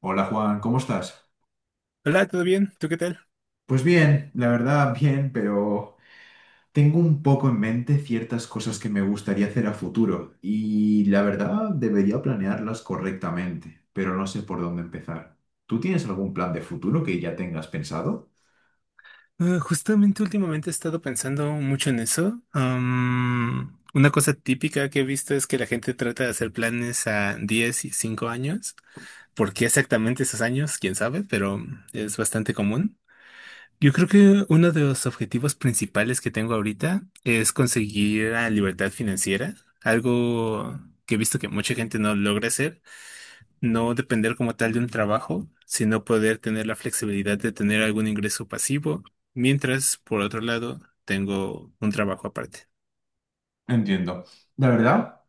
Hola Juan, ¿cómo estás? Hola, ¿todo bien? ¿Tú qué tal? Pues bien, la verdad bien, pero tengo un poco en mente ciertas cosas que me gustaría hacer a futuro y la verdad debería planearlas correctamente, pero no sé por dónde empezar. ¿Tú tienes algún plan de futuro que ya tengas pensado? Ah, justamente últimamente he estado pensando mucho en eso. Una cosa típica que he visto es que la gente trata de hacer planes a 10 y 5 años. ¿Por qué exactamente esos años? Quién sabe, pero es bastante común. Yo creo que uno de los objetivos principales que tengo ahorita es conseguir la libertad financiera, algo que he visto que mucha gente no logra hacer, no depender como tal de un trabajo, sino poder tener la flexibilidad de tener algún ingreso pasivo, mientras, por otro lado, tengo un trabajo aparte. Entiendo. La verdad,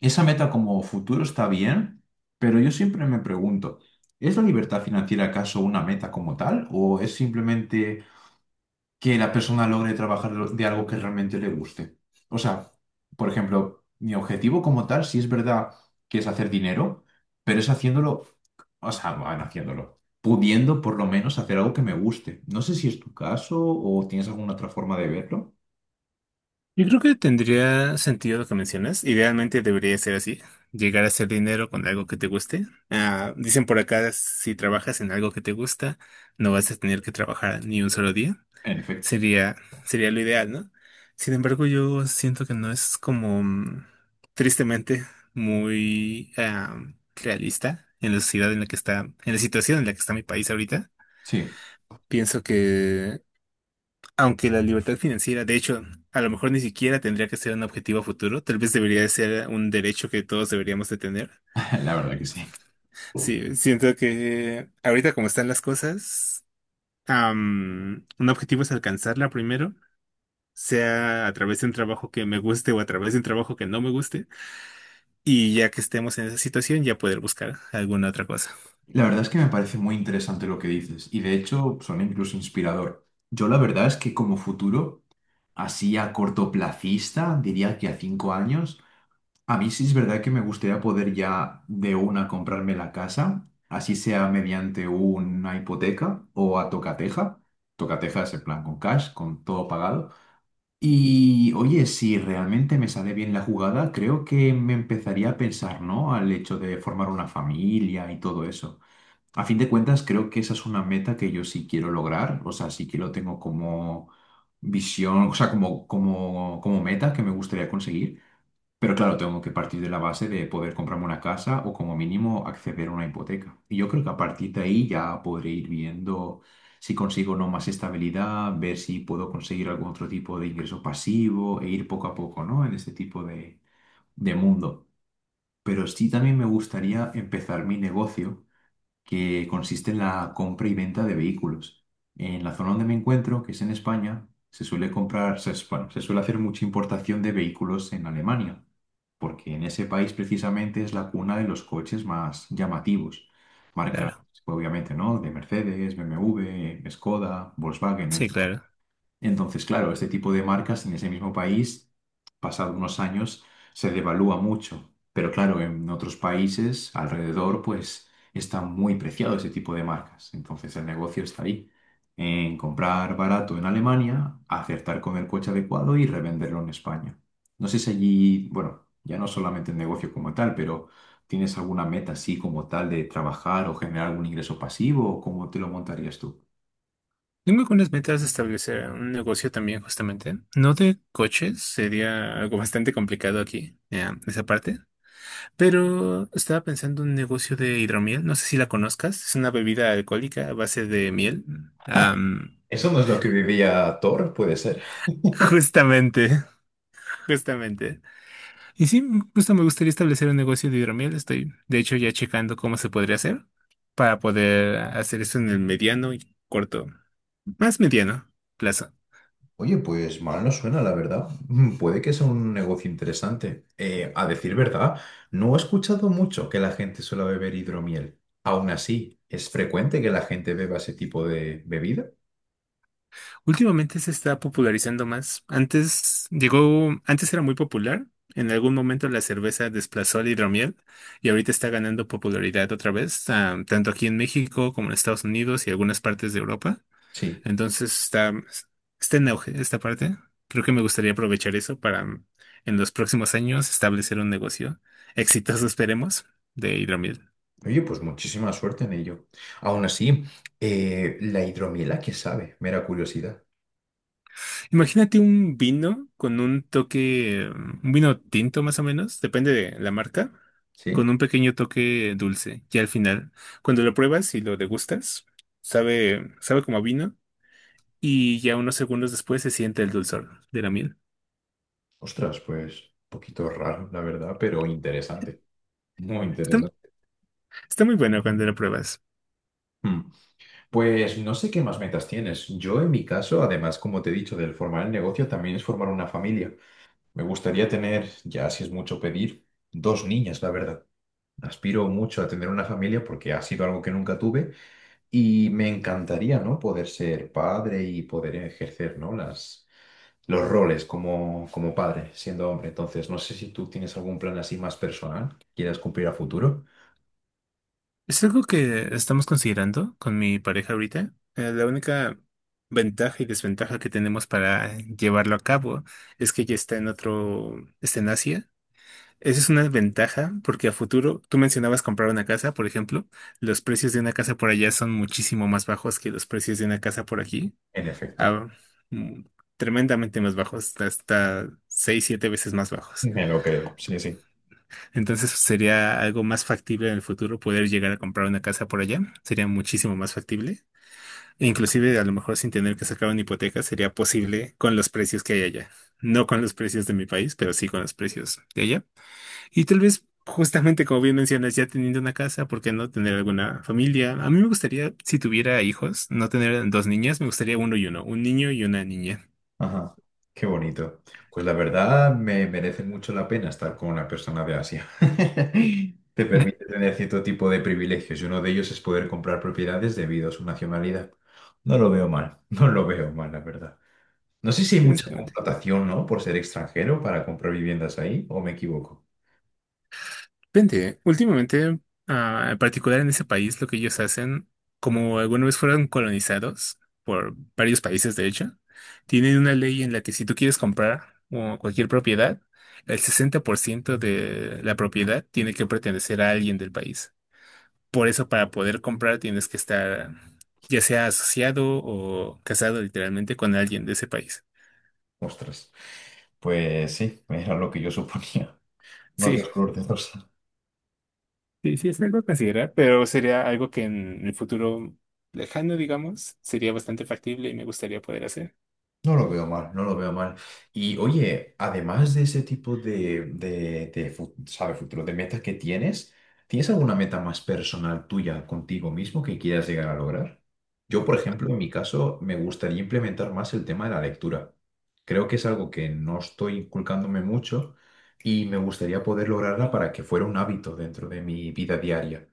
esa meta como futuro está bien, pero yo siempre me pregunto, ¿es la libertad financiera acaso una meta como tal o es simplemente que la persona logre trabajar de algo que realmente le guste? O sea, por ejemplo, mi objetivo como tal, sí es verdad que es hacer dinero, pero es haciéndolo, o sea, van haciéndolo, pudiendo por lo menos hacer algo que me guste. No sé si es tu caso o tienes alguna otra forma de verlo. Yo creo que tendría sentido lo que mencionas. Idealmente debería ser así, llegar a hacer dinero con algo que te guste. Ah, dicen por acá, si trabajas en algo que te gusta, no vas a tener que trabajar ni un solo día. En efecto, Sería, sería lo ideal, ¿no? Sin embargo, yo siento que no es como tristemente muy realista en la sociedad en la que está, en la situación en la que está mi país ahorita. sí, Pienso que, aunque la libertad financiera, de hecho, a lo mejor ni siquiera tendría que ser un objetivo a futuro, tal vez debería de ser un derecho que todos deberíamos de tener. la verdad que sí. Sí, siento que ahorita como están las cosas, un objetivo es alcanzarla primero, sea a través de un trabajo que me guste o a través de un trabajo que no me guste, y ya que estemos en esa situación, ya poder buscar alguna otra cosa. La verdad es que me parece muy interesante lo que dices y de hecho son incluso inspirador. Yo la verdad es que como futuro, así a cortoplacista, diría que a 5 años, a mí sí es verdad que me gustaría poder ya de una comprarme la casa, así sea mediante una hipoteca o a tocateja. Tocateja es en plan con cash, con todo pagado. Y oye, si realmente me sale bien la jugada, creo que me empezaría a pensar, ¿no?, al hecho de formar una familia y todo eso. A fin de cuentas, creo que esa es una meta que yo sí quiero lograr, o sea, sí que lo tengo como visión, o sea, como, como meta que me gustaría conseguir. Pero claro, tengo que partir de la base de poder comprarme una casa o como mínimo acceder a una hipoteca. Y yo creo que a partir de ahí ya podré ir viendo si consigo o no más estabilidad, ver si puedo conseguir algún otro tipo de ingreso pasivo e ir poco a poco, ¿no? En este tipo de mundo. Pero sí también me gustaría empezar mi negocio que consiste en la compra y venta de vehículos. En la zona donde me encuentro, que es en España, se suele comprar, se, bueno, se suele hacer mucha importación de vehículos en Alemania, porque en ese país precisamente es la cuna de los coches más llamativos. Marcas, Claro, obviamente, ¿no? De Mercedes, BMW, Skoda, Volkswagen, sí, claro. entonces, claro, este tipo de marcas en ese mismo país, pasado unos años, se devalúa mucho. Pero claro, en otros países alrededor, pues está muy preciado ese tipo de marcas. Entonces, el negocio está ahí, en comprar barato en Alemania, acertar con el coche adecuado y revenderlo en España. No sé si allí, bueno, ya no solamente el negocio como tal, pero ¿tienes alguna meta así como tal de trabajar o generar algún ingreso pasivo o cómo te lo montarías tú? Tengo algunas metas de establecer un negocio también, justamente. No de coches, sería algo bastante complicado aquí, esa parte. Pero estaba pensando en un negocio de hidromiel, no sé si la conozcas, es una bebida alcohólica a base de miel. Am, ¿Eso no es lo que vivía Thor, puede ser? justamente, justamente. Y sí, justo me gustaría establecer un negocio de hidromiel. Estoy, de hecho, ya checando cómo se podría hacer para poder hacer eso en el mediano y corto, más mediano plazo. Oye, pues mal no suena, la verdad. Puede que sea un negocio interesante. A decir verdad, no he escuchado mucho que la gente suele beber hidromiel. Aún así, ¿es frecuente que la gente beba ese tipo de bebida? Últimamente se está popularizando más. Antes era muy popular. En algún momento la cerveza desplazó al hidromiel y ahorita está ganando popularidad otra vez, tanto aquí en México como en Estados Unidos y algunas partes de Europa. Sí. Entonces está, Está en auge esta parte. Creo que me gustaría aprovechar eso para en los próximos años establecer un negocio exitoso, esperemos, de hidromiel. Oye, pues muchísima suerte en ello. Aún así, ¿la hidromiel a qué sabe? Mera curiosidad. Imagínate un vino con un toque, un vino tinto más o menos, depende de la marca, con ¿Sí? un pequeño toque dulce. Y al final, cuando lo pruebas y lo degustas, sabe como a vino y ya unos segundos después se siente el dulzor de la miel. Ostras, pues un poquito raro, la verdad, pero interesante. Muy Está, interesante. Está muy bueno cuando lo pruebas. Mm. Pues no sé qué más metas tienes. Yo en mi caso, además, como te he dicho, del formar el negocio también es formar una familia. Me gustaría tener, ya si es mucho pedir, dos niñas, la verdad. Aspiro mucho a tener una familia porque ha sido algo que nunca tuve y me encantaría, ¿no?, poder ser padre y poder ejercer, ¿no?, las, los roles como, como padre, siendo hombre. Entonces, no sé si tú tienes algún plan así más personal que quieras cumplir a futuro. Es algo que estamos considerando con mi pareja ahorita. La única ventaja y desventaja que tenemos para llevarlo a cabo es que está en Asia. Esa es una ventaja porque a futuro, tú mencionabas comprar una casa, por ejemplo, los precios de una casa por allá son muchísimo más bajos que los precios de una casa por aquí. En efecto, Ah, mm, Tremendamente más bajos, hasta 6, 7 veces más bajos. me lo creo. Sí, sí. Entonces sería algo más factible en el futuro poder llegar a comprar una casa por allá. Sería muchísimo más factible. E inclusive a lo mejor sin tener que sacar una hipoteca sería posible con los precios que hay allá. No con los precios de mi país, pero sí con los precios de allá. Y tal vez justamente como bien mencionas, ya teniendo una casa, ¿por qué no tener alguna familia? A mí me gustaría, si tuviera hijos, no tener dos niñas, me gustaría uno y uno, un niño y una niña. Ajá, qué bonito. Pues la verdad me merece mucho la pena estar con una persona de Asia. Te permite tener cierto tipo de privilegios y uno de ellos es poder comprar propiedades debido a su nacionalidad. No lo veo mal, no lo veo mal, la verdad. No sé si hay Pues, mucha no, contratación, ¿no?, por ser extranjero para comprar viviendas ahí, o me equivoco. depende. Últimamente, en particular en ese país, lo que ellos hacen, como alguna vez fueron colonizados por varios países, de hecho, tienen una ley en la que si tú quieres comprar o cualquier propiedad, el 60% de la propiedad tiene que pertenecer a alguien del país. Por eso, para poder comprar, tienes que estar ya sea asociado o casado literalmente con alguien de ese país. Ostras, pues sí, era lo que yo suponía. No Sí, te escrúpulos. sí, sí, es algo a considerar, pero sería algo que en el futuro lejano, digamos, sería bastante factible y me gustaría poder hacer. No lo veo mal, no lo veo mal. Y oye, además de ese tipo de ¿sabes? Futuro, de metas que tienes, ¿tienes alguna meta más personal tuya contigo mismo que quieras llegar a lograr? Yo, por ejemplo, en mi caso, me gustaría implementar más el tema de la lectura. Creo que es algo que no estoy inculcándome mucho y me gustaría poder lograrla para que fuera un hábito dentro de mi vida diaria.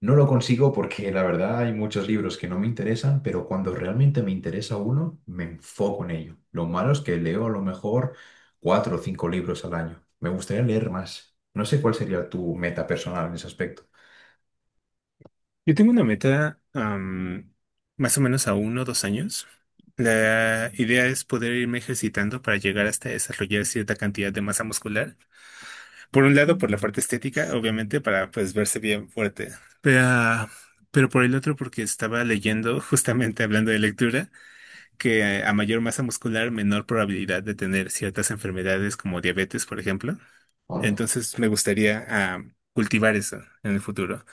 No lo consigo porque la verdad hay muchos libros que no me interesan, pero cuando realmente me interesa uno, me enfoco en ello. Lo malo es que leo a lo mejor 4 o 5 libros al año. Me gustaría leer más. No sé cuál sería tu meta personal en ese aspecto. Yo tengo una meta, más o menos a 1 o 2 años. La idea es poder irme ejercitando para llegar hasta desarrollar cierta cantidad de masa muscular. Por un lado, por la parte estética, obviamente, para pues verse bien fuerte. Pero, pero por el otro, porque estaba leyendo, justamente hablando de lectura, que a mayor masa muscular, menor probabilidad de tener ciertas enfermedades como diabetes, por ejemplo. Entonces, me gustaría cultivar eso en el futuro.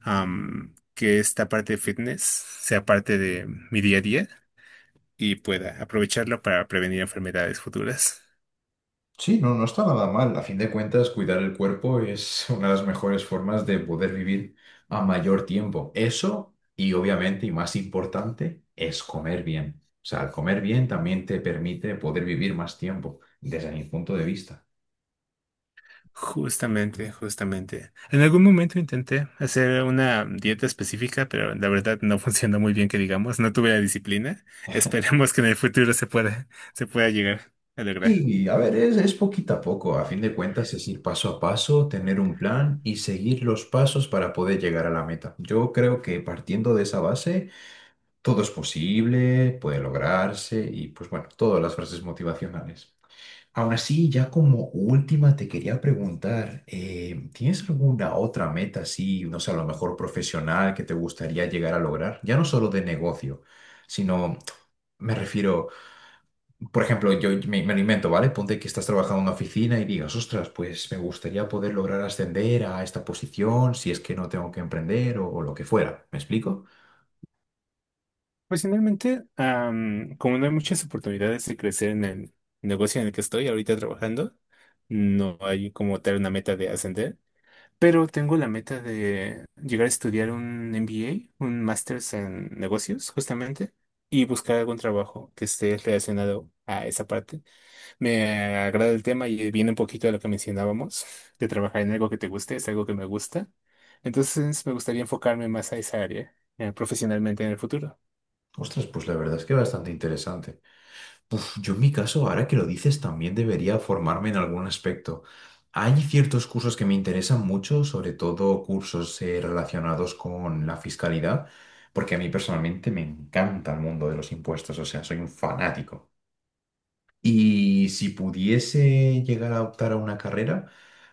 Que esta parte de fitness sea parte de mi día a día y pueda aprovecharlo para prevenir enfermedades futuras. Sí, no, no está nada mal. A fin de cuentas, cuidar el cuerpo es una de las mejores formas de poder vivir a mayor tiempo. Eso, y obviamente, y más importante, es comer bien. O sea, al comer bien también te permite poder vivir más tiempo, desde mi punto de vista. Justamente, justamente. En algún momento intenté hacer una dieta específica, pero la verdad no funcionó muy bien, que digamos, no tuve la disciplina. Esperemos que en el futuro se pueda llegar a lograr. Sí, a ver, es poquito a poco. A fin de cuentas, es ir paso a paso, tener un plan y seguir los pasos para poder llegar a la meta. Yo creo que partiendo de esa base todo es posible, puede lograrse y pues bueno, todas las frases motivacionales. Aún así, ya como última te quería preguntar, ¿tienes alguna otra meta así, no sé, a lo mejor profesional que te gustaría llegar a lograr? Ya no solo de negocio, sino me refiero, por ejemplo, yo me lo invento, ¿vale? Ponte que estás trabajando en una oficina y digas, ostras, pues me gustaría poder lograr ascender a esta posición si es que no tengo que emprender o lo que fuera. ¿Me explico? Pues finalmente, como no hay muchas oportunidades de crecer en el negocio en el que estoy ahorita trabajando, no hay como tal una meta de ascender, pero tengo la meta de llegar a estudiar un MBA, un Masters en negocios, justamente, y buscar algún trabajo que esté relacionado a esa parte. Me agrada el tema y viene un poquito de lo que mencionábamos, de trabajar en algo que te guste, es algo que me gusta. Entonces me gustaría enfocarme más a esa área, profesionalmente en el futuro. Ostras, pues la verdad es que bastante interesante. Uf, yo en mi caso, ahora que lo dices, también debería formarme en algún aspecto. Hay ciertos cursos que me interesan mucho, sobre todo cursos relacionados con la fiscalidad, porque a mí personalmente me encanta el mundo de los impuestos, o sea, soy un fanático. Y si pudiese llegar a optar a una carrera,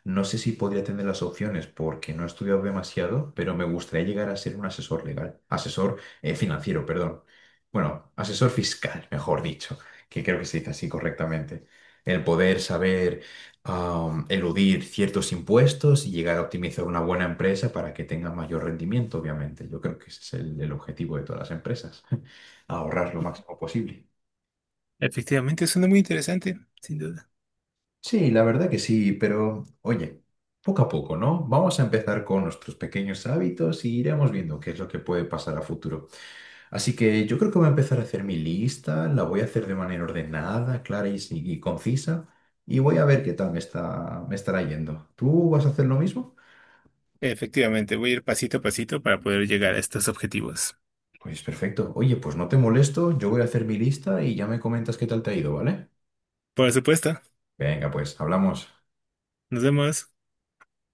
no sé si podría tener las opciones porque no he estudiado demasiado, pero me gustaría llegar a ser un asesor legal, asesor financiero, perdón. Bueno, asesor fiscal, mejor dicho, que creo que se dice así correctamente. El poder saber eludir ciertos impuestos y llegar a optimizar una buena empresa para que tenga mayor rendimiento, obviamente. Yo creo que ese es el objetivo de todas las empresas, ahorrar lo máximo posible. Efectivamente, suena muy interesante, sin duda. Sí, la verdad que sí, pero oye, poco a poco, ¿no? Vamos a empezar con nuestros pequeños hábitos y iremos viendo qué es lo que puede pasar a futuro. Así que yo creo que voy a empezar a hacer mi lista, la voy a hacer de manera ordenada, clara y, y concisa, y voy a ver qué tal me estará yendo. ¿Tú vas a hacer lo mismo? Efectivamente, voy a ir pasito a pasito para poder llegar a estos objetivos. Pues perfecto. Oye, pues no te molesto, yo voy a hacer mi lista y ya me comentas qué tal te ha ido, ¿vale? Por supuesto, Venga, pues hablamos. nos vemos.